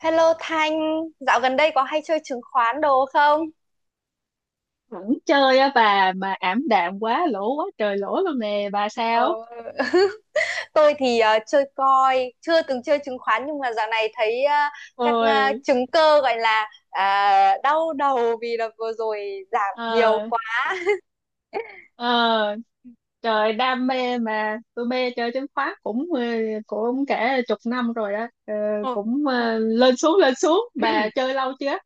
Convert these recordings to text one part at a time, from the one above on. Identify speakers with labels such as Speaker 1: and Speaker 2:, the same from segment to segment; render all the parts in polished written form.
Speaker 1: Hello Thanh, dạo gần đây có hay chơi chứng khoán đồ không?
Speaker 2: Vẫn chơi á bà, mà ảm đạm quá, lỗ quá trời lỗ luôn nè bà. Sao
Speaker 1: Ờ, tôi thì chơi coin, chưa từng chơi chứng khoán nhưng mà dạo này thấy các ờ,
Speaker 2: ôi.
Speaker 1: chứng cơ gọi là đau đầu vì là vừa rồi giảm nhiều
Speaker 2: Ờ.
Speaker 1: quá.
Speaker 2: Ờ. Trời đam mê mà, tôi mê chơi chứng khoán cũng cả chục năm rồi đó. Ờ,
Speaker 1: Ờ,
Speaker 2: cũng
Speaker 1: ừ.
Speaker 2: lên xuống lên xuống, bà chơi lâu chưa?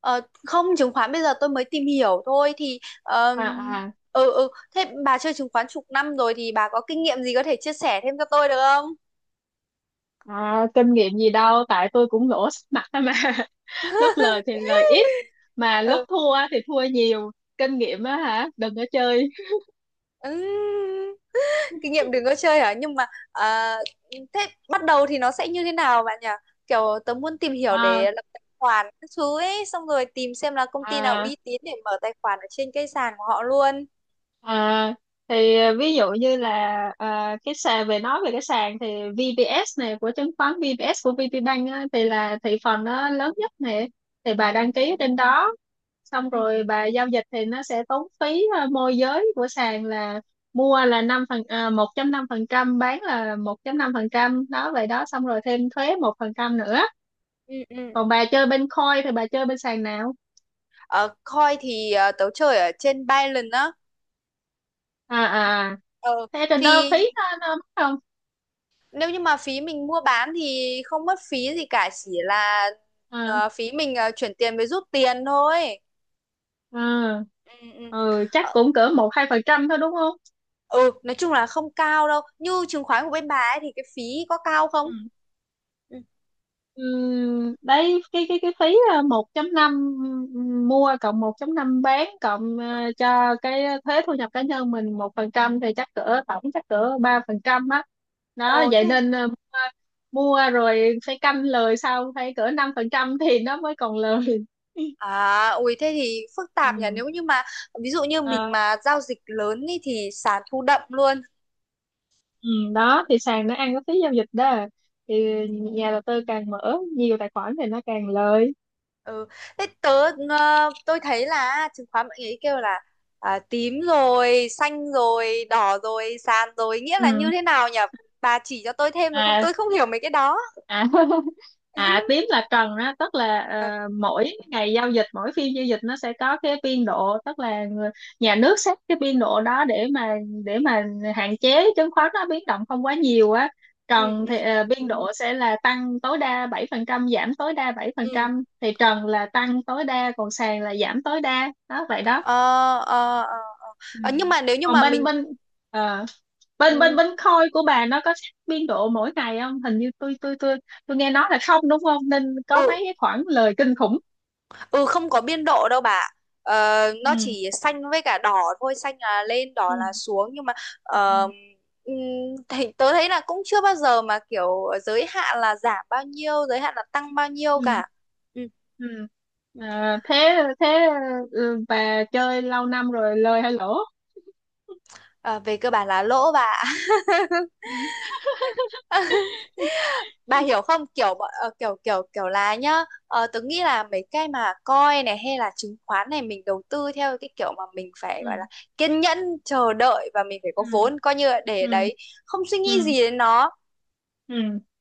Speaker 1: Ờ, Không, chứng khoán bây giờ tôi mới tìm hiểu thôi thì
Speaker 2: à à
Speaker 1: ừ ừ thế bà chơi chứng khoán chục năm rồi thì bà có kinh nghiệm gì có thể chia sẻ thêm cho tôi được không?
Speaker 2: Kinh nghiệm gì đâu, tại tôi cũng lỗ sắp mặt á mà. Lúc lời thì lời ít, mà lúc
Speaker 1: Ừ.
Speaker 2: thua thì thua nhiều. Kinh nghiệm á hả? Đừng có chơi.
Speaker 1: Ừ. Kinh nghiệm đừng có chơi hả? Nhưng mà à, thế bắt đầu thì nó sẽ như thế nào bạn nhỉ? Kiểu tớ muốn tìm hiểu
Speaker 2: à
Speaker 1: để lập tài khoản các thứ ấy, xong rồi tìm xem là công ty nào
Speaker 2: à
Speaker 1: uy tín để mở tài khoản ở trên cái sàn của họ luôn.
Speaker 2: À, thì ví dụ như là, cái sàn, nói về cái sàn thì VPS này, của chứng khoán VPS của VPBank á, thì là thị phần nó lớn nhất này. Thì bà
Speaker 1: ừ,
Speaker 2: đăng ký trên đó. Xong
Speaker 1: ừ,
Speaker 2: rồi bà giao dịch thì nó sẽ tốn phí, môi giới của sàn là mua là năm phần, 1 năm phần trăm, bán là 1 năm phần trăm, đó vậy đó. Xong rồi thêm thuế 1% nữa.
Speaker 1: ừ.
Speaker 2: Còn bà chơi bên coin thì bà chơi bên sàn nào?
Speaker 1: Ờ, Coin thì tớ chơi ở trên Binance á.
Speaker 2: à à à,
Speaker 1: Ờ,
Speaker 2: Thế trên đó
Speaker 1: thì
Speaker 2: phí nó mắc không?
Speaker 1: Nếu như mà phí mình mua bán thì không mất phí gì cả, chỉ là
Speaker 2: À.
Speaker 1: phí mình chuyển tiền với rút tiền thôi.
Speaker 2: à,
Speaker 1: ừ, ừ.
Speaker 2: ừ, chắc cũng cỡ một hai phần trăm thôi đúng không?
Speaker 1: Ừ, nói chung là không cao đâu. Như chứng khoán của bên bà ấy thì cái phí có cao
Speaker 2: Ừ.
Speaker 1: không? Ừ.
Speaker 2: Đấy cái phí 1,5 mua, cộng 1,5 bán, cộng cho cái thuế thu nhập cá nhân mình 1%, thì chắc cỡ tổng, chắc cỡ 3% á. Đó
Speaker 1: Ồ
Speaker 2: vậy
Speaker 1: thế.
Speaker 2: nên mua rồi phải canh lời, sau phải cỡ 5% thì nó mới còn lời.
Speaker 1: À ui thế thì phức tạp nhỉ.
Speaker 2: Ừ.
Speaker 1: Nếu như mà ví dụ như
Speaker 2: Ờ,
Speaker 1: mình mà giao dịch lớn ý, thì sàn thu đậm luôn.
Speaker 2: ừ, đó thì sàn nó ăn cái phí giao dịch đó, thì nhà đầu tư càng mở nhiều tài khoản thì nó càng lời.
Speaker 1: ừ thế tớ tôi thấy là chứng khoán mọi người ấy kêu là tím rồi xanh rồi đỏ rồi sàn rồi, nghĩa là như
Speaker 2: Ừ.
Speaker 1: thế nào nhỉ? Bà chỉ cho tôi thêm được không,
Speaker 2: À.
Speaker 1: tôi không hiểu mấy cái đó.
Speaker 2: À. À, tím là cần đó, tức là
Speaker 1: ừ
Speaker 2: mỗi ngày giao dịch, mỗi phiên giao dịch nó sẽ có cái biên độ, tức là nhà nước xét cái biên độ đó để mà hạn chế chứng khoán nó biến động không quá nhiều á.
Speaker 1: ừ
Speaker 2: Trần
Speaker 1: ừ
Speaker 2: thì biên độ sẽ là tăng tối đa 7%, giảm tối đa bảy phần
Speaker 1: ừ.
Speaker 2: trăm thì trần là tăng tối đa, còn sàn là giảm tối đa, đó vậy đó.
Speaker 1: ờ ờ ờ ờ.
Speaker 2: Ừ.
Speaker 1: Ờ, nhưng mà nếu như
Speaker 2: Còn
Speaker 1: mà
Speaker 2: bên
Speaker 1: mình
Speaker 2: bên ờ, bên bên
Speaker 1: Ừ,
Speaker 2: bên khôi của bà nó có xét biên độ mỗi ngày không? Hình như tôi nghe nói là không, đúng không, nên có mấy
Speaker 1: ừ,
Speaker 2: cái khoảng lời kinh khủng.
Speaker 1: ừ, không có biên độ đâu bà. Ờ, nó
Speaker 2: Ừ,
Speaker 1: chỉ xanh với cả đỏ thôi, xanh là lên, đỏ
Speaker 2: ừ,
Speaker 1: là xuống. Nhưng mà ờ,
Speaker 2: ừ,
Speaker 1: ừm, thì tớ thấy là cũng chưa bao giờ mà kiểu giới hạn là giảm bao nhiêu, giới hạn là tăng bao nhiêu
Speaker 2: ừ,
Speaker 1: cả. Ừ.
Speaker 2: ừ.
Speaker 1: ừ.
Speaker 2: Thế Thế ừ, bà chơi lâu năm rồi lời hay lỗ?
Speaker 1: Ờ, về cơ bản là lỗ bà.
Speaker 2: Ừ,
Speaker 1: Bà hiểu không? Kiểu bọn- ờ, kiểu kiểu kiểu là nhá, tớ nghĩ là mấy cái mà coin này hay là chứng khoán này, mình đầu tư theo cái kiểu mà mình phải
Speaker 2: ừ,
Speaker 1: gọi là kiên nhẫn, chờ đợi, và mình phải có
Speaker 2: ừ,
Speaker 1: vốn coi như là để
Speaker 2: ừ,
Speaker 1: đấy, không suy nghĩ
Speaker 2: ừ,
Speaker 1: gì đến nó
Speaker 2: ừ.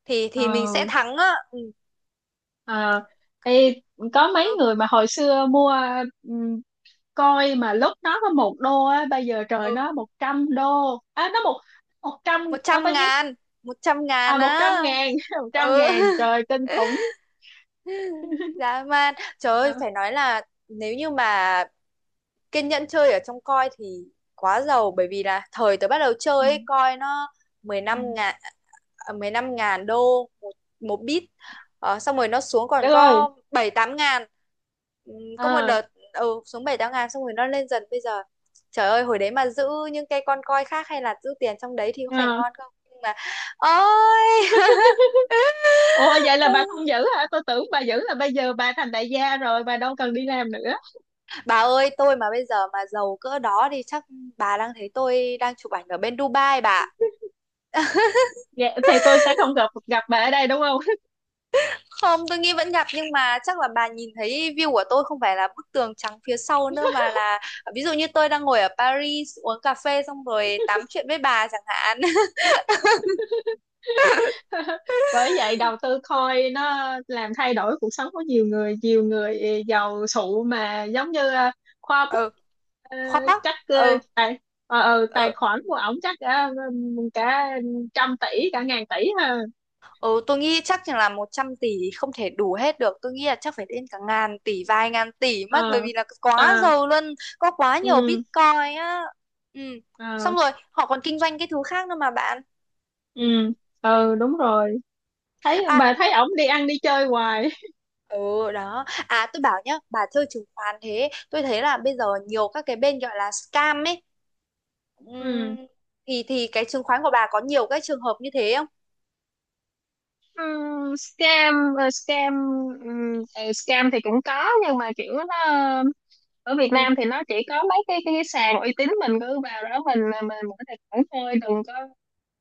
Speaker 1: thì mình
Speaker 2: Ờ.
Speaker 1: sẽ thắng á. Ừ
Speaker 2: Ờ. Ê, có mấy
Speaker 1: ừ
Speaker 2: người mà hồi xưa mua coi mà lúc nó có một đô á, bây giờ trời
Speaker 1: ừ
Speaker 2: nó một trăm đô, nó một một trăm,
Speaker 1: một
Speaker 2: nó
Speaker 1: trăm
Speaker 2: bao nhiêu,
Speaker 1: ngàn 100 ngàn
Speaker 2: à một
Speaker 1: á.
Speaker 2: trăm ngàn. Một trăm
Speaker 1: Ừ.
Speaker 2: ngàn trời kinh khủng.
Speaker 1: Dã man, trời ơi,
Speaker 2: Đó.
Speaker 1: phải nói là nếu như mà kiên nhẫn chơi ở trong coi thì quá giàu. Bởi vì là thời tớ bắt đầu chơi
Speaker 2: Ừ,
Speaker 1: ấy, coi nó 15
Speaker 2: ừ.
Speaker 1: ngàn, 15 ngàn đô một, một bit. Xong rồi nó xuống còn
Speaker 2: Đức ơi.
Speaker 1: có 7 8 ngàn. Ừm, có một
Speaker 2: Ờ.
Speaker 1: đợt, ừ, xuống 7 8 ngàn, xong rồi nó lên dần bây giờ. Trời ơi, hồi đấy mà giữ những cái con coi khác hay là giữ tiền trong đấy thì có phải
Speaker 2: Ờ.
Speaker 1: ngon không? Nhưng mà ôi.
Speaker 2: Ủa vậy là bà không giữ hả? Tôi tưởng bà giữ là bây giờ bà thành đại gia rồi, bà đâu cần đi làm nữa.
Speaker 1: Bà ơi, tôi mà bây giờ mà giàu cỡ đó thì chắc bà đang thấy tôi đang chụp ảnh ở bên Dubai bà. Ạ.
Speaker 2: Dạ, thì tôi sẽ không gặp gặp bà ở đây đúng không?
Speaker 1: Không, tôi nghĩ vẫn gặp nhưng mà chắc là bà nhìn thấy view của tôi không phải là bức tường trắng phía sau nữa, mà là ví dụ như tôi đang ngồi ở Paris uống cà phê xong rồi tám chuyện với bà chẳng hạn.
Speaker 2: Bởi vậy đầu tư coin nó làm thay đổi cuộc sống của nhiều người, nhiều người giàu sụ mà, giống như khoa bút.
Speaker 1: Ừ,
Speaker 2: ờ,
Speaker 1: khoát tóc.
Speaker 2: Chắc
Speaker 1: Ừ,
Speaker 2: tài tài
Speaker 1: ừ.
Speaker 2: khoản của ổng chắc cả trăm tỷ, cả ngàn tỷ ha.
Speaker 1: Ừ, tôi nghĩ chắc chừng là 100 tỷ không thể đủ hết được. Tôi nghĩ là chắc phải đến cả ngàn tỷ, vài ngàn tỷ mất. Bởi
Speaker 2: Ờ.
Speaker 1: vì là quá
Speaker 2: À.
Speaker 1: giàu luôn, có quá nhiều
Speaker 2: Ừ.
Speaker 1: Bitcoin á. Ừ. Xong
Speaker 2: Ờ.
Speaker 1: rồi, họ còn kinh doanh cái thứ khác nữa mà bạn. Ừ.
Speaker 2: Ừ, ừ, đúng rồi.
Speaker 1: À,
Speaker 2: Thấy ổng đi ăn đi chơi hoài.
Speaker 1: ừ đó. À, tôi bảo nhá, bà chơi chứng khoán thế. Tôi thấy là bây giờ nhiều các cái bên gọi là scam ấy.
Speaker 2: Ừ.
Speaker 1: Ừm, thì cái chứng khoán của bà có nhiều cái trường hợp như thế không?
Speaker 2: Scam. Ờ, Scam. Scam thì cũng có, nhưng mà kiểu nó ở Việt
Speaker 1: Ừ.
Speaker 2: Nam thì nó chỉ có mấy cái sàn uy tín, mình cứ vào đó mình có tài khoản thôi,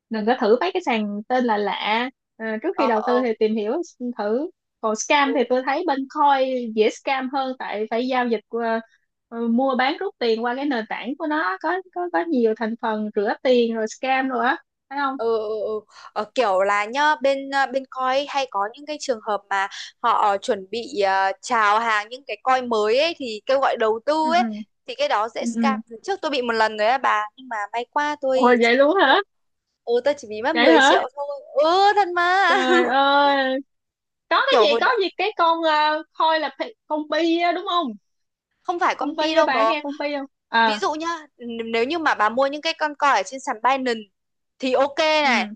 Speaker 2: đừng
Speaker 1: Ừ.
Speaker 2: có thử mấy cái sàn tên là lạ. À, trước khi
Speaker 1: Ờ,
Speaker 2: đầu tư
Speaker 1: ờ,
Speaker 2: thì tìm hiểu thử. Còn
Speaker 1: ừ.
Speaker 2: scam thì
Speaker 1: ừ.
Speaker 2: tôi thấy bên Coin dễ scam hơn, tại phải giao dịch qua mua bán rút tiền qua cái nền tảng của nó, có nhiều thành phần rửa tiền rồi scam rồi á, phải không?
Speaker 1: ừ, ừ, ừ. Ờ, kiểu là nhá, bên bên coi hay có những cái trường hợp mà họ chuẩn bị chào hàng những cái coi mới ấy thì kêu gọi đầu tư
Speaker 2: Ừ,
Speaker 1: ấy, thì cái đó dễ
Speaker 2: ừ, ừ, ừ.
Speaker 1: scam. Lần trước tôi bị một lần rồi á bà, nhưng mà may qua
Speaker 2: Ôi
Speaker 1: tôi chỉ
Speaker 2: vậy
Speaker 1: bị
Speaker 2: luôn
Speaker 1: ít thôi.
Speaker 2: hả?
Speaker 1: Ừ, tôi chỉ bị mất
Speaker 2: Vậy
Speaker 1: 10
Speaker 2: hả?
Speaker 1: triệu thôi. Ừ thật mà.
Speaker 2: Trời ơi, có cái
Speaker 1: kiểu
Speaker 2: gì
Speaker 1: hồi
Speaker 2: có
Speaker 1: đã
Speaker 2: gì cái con Coin là con bi á, đúng không?
Speaker 1: Không phải
Speaker 2: Công
Speaker 1: con pi
Speaker 2: ty á,
Speaker 1: đâu
Speaker 2: bạn
Speaker 1: bố.
Speaker 2: nghe công ty không
Speaker 1: Ví
Speaker 2: à?
Speaker 1: dụ nhá, nếu như mà bà mua những cái con coi ở trên sàn Binance thì ok
Speaker 2: Ừ,
Speaker 1: này.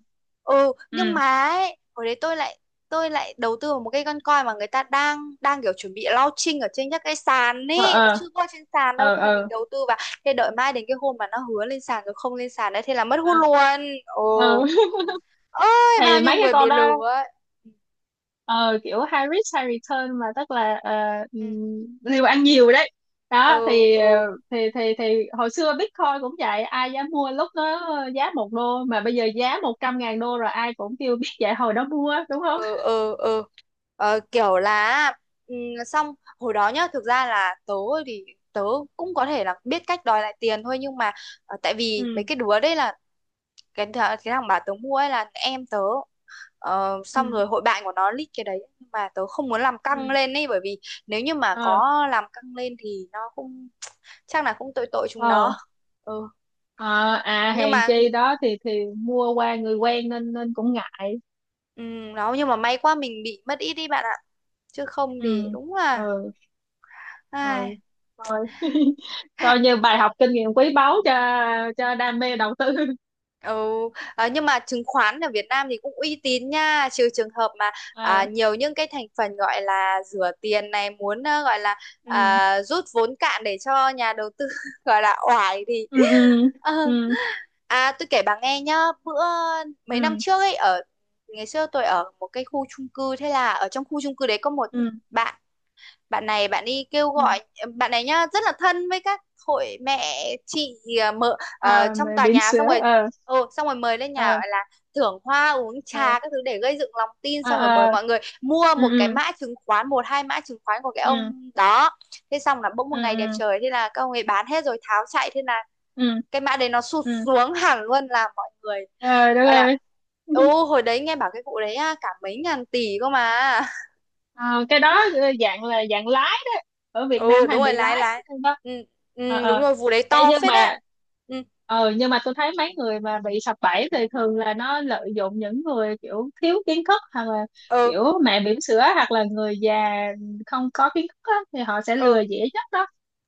Speaker 1: Ừ, nhưng
Speaker 2: ừ.
Speaker 1: mà ấy, hồi đấy tôi lại đầu tư vào một cái con coi mà người ta đang đang kiểu chuẩn bị launching ở trên các cái sàn
Speaker 2: Ờ,
Speaker 1: ấy, nó
Speaker 2: ờ,
Speaker 1: chưa có trên sàn đâu,
Speaker 2: ờ,
Speaker 1: thế là mình
Speaker 2: ờ,
Speaker 1: đầu tư vào. Thế đợi mai đến cái hôm mà nó hứa lên sàn rồi không lên sàn đấy, thế là mất hút
Speaker 2: ờ,
Speaker 1: luôn.
Speaker 2: ờ.
Speaker 1: Ồ ơi
Speaker 2: Thì
Speaker 1: bao nhiêu
Speaker 2: mấy cái
Speaker 1: người bị
Speaker 2: con đó
Speaker 1: lừa ấy.
Speaker 2: ờ, kiểu high risk high return mà, tức là uh,
Speaker 1: ừ
Speaker 2: liều ăn nhiều đấy.
Speaker 1: ừ
Speaker 2: Đó thì
Speaker 1: ừ ừ.
Speaker 2: thì hồi xưa Bitcoin cũng vậy, ai dám mua lúc nó giá một đô mà bây giờ giá một trăm ngàn đô rồi, ai cũng kêu biết vậy hồi đó mua đúng không?
Speaker 1: ừ ừ ừ Ờ, kiểu là ừ, xong hồi đó nhá, thực ra là thì tớ cũng có thể là biết cách đòi lại tiền thôi, nhưng mà tại vì mấy
Speaker 2: Ừ,
Speaker 1: cái đứa đấy là cái thằng bà tớ mua ấy là em tớ. Ờ, xong
Speaker 2: ừ,
Speaker 1: rồi hội bạn của nó lít cái đấy, nhưng mà tớ không muốn làm
Speaker 2: ừ.
Speaker 1: căng lên ấy, bởi vì nếu như mà
Speaker 2: Ờ.
Speaker 1: có làm căng lên thì nó cũng chắc là cũng tội tội chúng
Speaker 2: Ờ.
Speaker 1: nó. ừ
Speaker 2: Ờ, à
Speaker 1: nhưng
Speaker 2: hèn
Speaker 1: mà
Speaker 2: chi đó, thì mua qua người quen nên nên cũng ngại.
Speaker 1: ừ, nhưng mà may quá mình bị mất ít đi bạn ạ, chứ không
Speaker 2: Ừ,
Speaker 1: thì đúng là
Speaker 2: ừ, ừ.
Speaker 1: ai.
Speaker 2: Thôi. Coi như bài học kinh nghiệm quý báu cho đam mê đầu tư.
Speaker 1: Ừ, nhưng mà chứng khoán ở Việt Nam thì cũng uy tín nha, trừ trường hợp mà
Speaker 2: À.
Speaker 1: nhiều những cái thành phần gọi là rửa tiền này muốn gọi là
Speaker 2: Ừ,
Speaker 1: rút vốn cạn để cho nhà đầu tư gọi là oải thì.
Speaker 2: ừ, ừ,
Speaker 1: Ờ.
Speaker 2: ừ,
Speaker 1: À tôi kể bà nghe nhá, bữa mấy năm
Speaker 2: ừ,
Speaker 1: trước ấy, ở ngày xưa tôi ở một cái khu chung cư, thế là ở trong khu chung cư đấy có một
Speaker 2: ừ,
Speaker 1: bạn bạn này, bạn đi kêu
Speaker 2: ừ.
Speaker 1: gọi. Bạn này nhá rất là thân với các hội mẹ chị, mợ
Speaker 2: À,
Speaker 1: trong
Speaker 2: mẹ
Speaker 1: tòa
Speaker 2: bỉm
Speaker 1: nhà, xong
Speaker 2: sữa.
Speaker 1: rồi
Speaker 2: Ờ,
Speaker 1: ừ, xong rồi mời lên nhà
Speaker 2: ờ,
Speaker 1: gọi là thưởng hoa uống
Speaker 2: ờ,
Speaker 1: trà các thứ để gây dựng lòng tin,
Speaker 2: ờ,
Speaker 1: xong rồi mời
Speaker 2: ờ.
Speaker 1: mọi người mua
Speaker 2: Ừ,
Speaker 1: một cái
Speaker 2: ừ,
Speaker 1: mã chứng khoán, một hai mã chứng khoán của cái ông đó. Thế xong là bỗng
Speaker 2: ừ,
Speaker 1: một
Speaker 2: ừ,
Speaker 1: ngày đẹp
Speaker 2: ừ,
Speaker 1: trời thế là các ông ấy bán hết rồi tháo chạy, thế là
Speaker 2: ừ,
Speaker 1: cái mã đấy nó sụt
Speaker 2: ừ.
Speaker 1: xuống hẳn luôn, là mọi người
Speaker 2: Ờ, đúng
Speaker 1: gọi là
Speaker 2: rồi.
Speaker 1: ừ. Hồi đấy nghe bảo cái vụ đấy á, cả mấy ngàn tỷ cơ mà.
Speaker 2: Ờ, cái đó dạng là dạng lái đó. Ở Việt
Speaker 1: Ừ
Speaker 2: Nam
Speaker 1: đúng
Speaker 2: hay
Speaker 1: rồi,
Speaker 2: bị
Speaker 1: lái
Speaker 2: lái.
Speaker 1: lái
Speaker 2: Đó.
Speaker 1: ừ,
Speaker 2: Ờ.
Speaker 1: ừ, đúng
Speaker 2: Ờ.
Speaker 1: rồi, vụ đấy
Speaker 2: Ê,
Speaker 1: to
Speaker 2: nhưng
Speaker 1: phết đấy.
Speaker 2: mà
Speaker 1: Ừ
Speaker 2: nhưng mà tôi thấy mấy người mà bị sập bẫy thì thường là nó lợi dụng những người kiểu thiếu kiến thức, hoặc là
Speaker 1: ừ
Speaker 2: kiểu mẹ bỉm sữa, hoặc là người già không có kiến thức á, thì họ sẽ
Speaker 1: ừ
Speaker 2: lừa dễ nhất đó.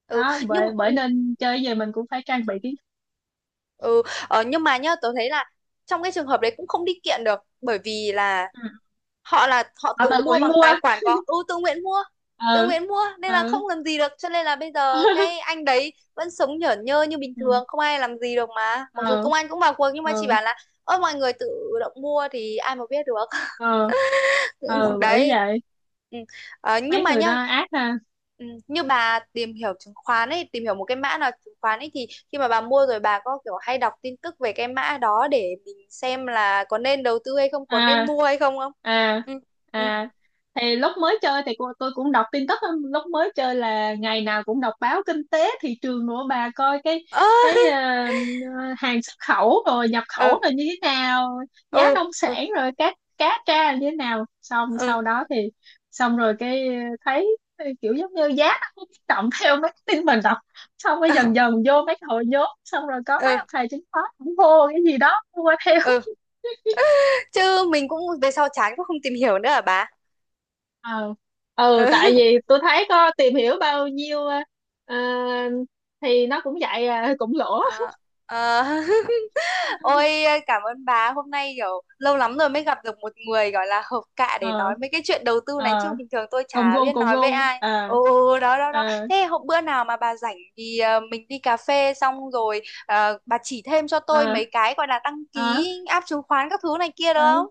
Speaker 1: ừ
Speaker 2: Đó,
Speaker 1: nhưng
Speaker 2: bởi bởi nên chơi gì mình cũng phải trang bị kiến thức.
Speaker 1: ừ Ờ, nhưng mà nhá tớ thấy là trong cái trường hợp đấy cũng không đi kiện được, bởi vì
Speaker 2: Ừ.
Speaker 1: là họ
Speaker 2: Họ
Speaker 1: tự
Speaker 2: tự
Speaker 1: mua
Speaker 2: nguyện
Speaker 1: bằng
Speaker 2: mua.
Speaker 1: tài khoản, có ừ tự nguyện mua. Tự
Speaker 2: Ừ,
Speaker 1: nguyện mua nên là
Speaker 2: ừ.
Speaker 1: không làm gì được, cho nên là bây giờ cái anh đấy vẫn sống nhởn nhơ như bình
Speaker 2: Ừ,
Speaker 1: thường, không ai làm gì được mà. Mặc dù
Speaker 2: ừ,
Speaker 1: công an cũng vào cuộc nhưng mà chỉ
Speaker 2: ừ,
Speaker 1: bảo là ơ mọi người tự động mua thì ai mà biết được.
Speaker 2: ừ, ừ,
Speaker 1: Cũng
Speaker 2: bởi
Speaker 1: đấy.
Speaker 2: vậy
Speaker 1: Ừ. Ờ, nhưng
Speaker 2: mấy
Speaker 1: mà
Speaker 2: người đó
Speaker 1: nhá,
Speaker 2: ác ha.
Speaker 1: ừ, như bà tìm hiểu chứng khoán ấy, tìm hiểu một cái mã nào chứng khoán ấy, thì khi mà bà mua rồi bà có kiểu hay đọc tin tức về cái mã đó để mình xem là có nên đầu tư hay không, có nên
Speaker 2: À.
Speaker 1: mua hay không không?
Speaker 2: À.
Speaker 1: Ừ ừ
Speaker 2: À, thì lúc mới chơi thì tôi cũng đọc tin tức á, lúc mới chơi là ngày nào cũng đọc báo kinh tế thị trường nữa bà, coi
Speaker 1: ơ
Speaker 2: cái ờ, hàng xuất khẩu rồi nhập
Speaker 1: ừ
Speaker 2: khẩu rồi như thế nào, giá
Speaker 1: ừ
Speaker 2: nông
Speaker 1: ừ
Speaker 2: sản rồi cá cá tra như thế nào. Xong
Speaker 1: ừ
Speaker 2: sau đó thì xong rồi cái thấy kiểu giống như giá nó cũng biến động theo mấy cái tin mình đọc. Xong rồi dần dần vô mấy hội nhóm, xong rồi có mấy
Speaker 1: ừ
Speaker 2: ông thầy chứng khoán cũng hộ cái gì đó mua theo.
Speaker 1: ừ Chứ mình cũng về sau chán cũng không tìm hiểu nữa hả bà?
Speaker 2: Ờ. Ừ,
Speaker 1: ừ.
Speaker 2: tại vì tôi thấy có tìm hiểu bao nhiêu ờ, thì nó cũng vậy à, cũng lỗ.
Speaker 1: Ờ, ờ. Ôi cảm ơn bà, hôm nay kiểu lâu lắm rồi mới gặp được một người gọi là hợp cạ để
Speaker 2: Ờ.
Speaker 1: nói mấy cái chuyện đầu tư này, chứ
Speaker 2: Ờ.
Speaker 1: bình thường tôi
Speaker 2: Cùng
Speaker 1: chả
Speaker 2: gu
Speaker 1: biết
Speaker 2: cùng
Speaker 1: nói với
Speaker 2: gu.
Speaker 1: ai.
Speaker 2: Ờ,
Speaker 1: Ồ ồ, đó đó đó.
Speaker 2: ờ,
Speaker 1: Thế hôm bữa nào mà bà rảnh thì mình đi cà phê xong rồi bà chỉ thêm cho tôi
Speaker 2: ờ,
Speaker 1: mấy cái gọi là đăng
Speaker 2: ờ,
Speaker 1: ký app chứng khoán các thứ này kia được
Speaker 2: ờ.
Speaker 1: không?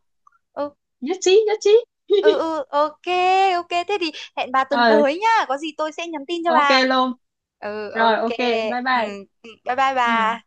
Speaker 1: Ừ
Speaker 2: Nhất trí nhất trí.
Speaker 1: ừ ok. Ok, thế thì hẹn bà tuần
Speaker 2: Ờ,
Speaker 1: tới nhá, có gì tôi sẽ nhắn tin cho
Speaker 2: OK
Speaker 1: bà.
Speaker 2: luôn.
Speaker 1: Ừ
Speaker 2: Rồi
Speaker 1: ok.
Speaker 2: OK, bye
Speaker 1: Ừ,
Speaker 2: bye.
Speaker 1: Bye bye
Speaker 2: Ừ.
Speaker 1: bà.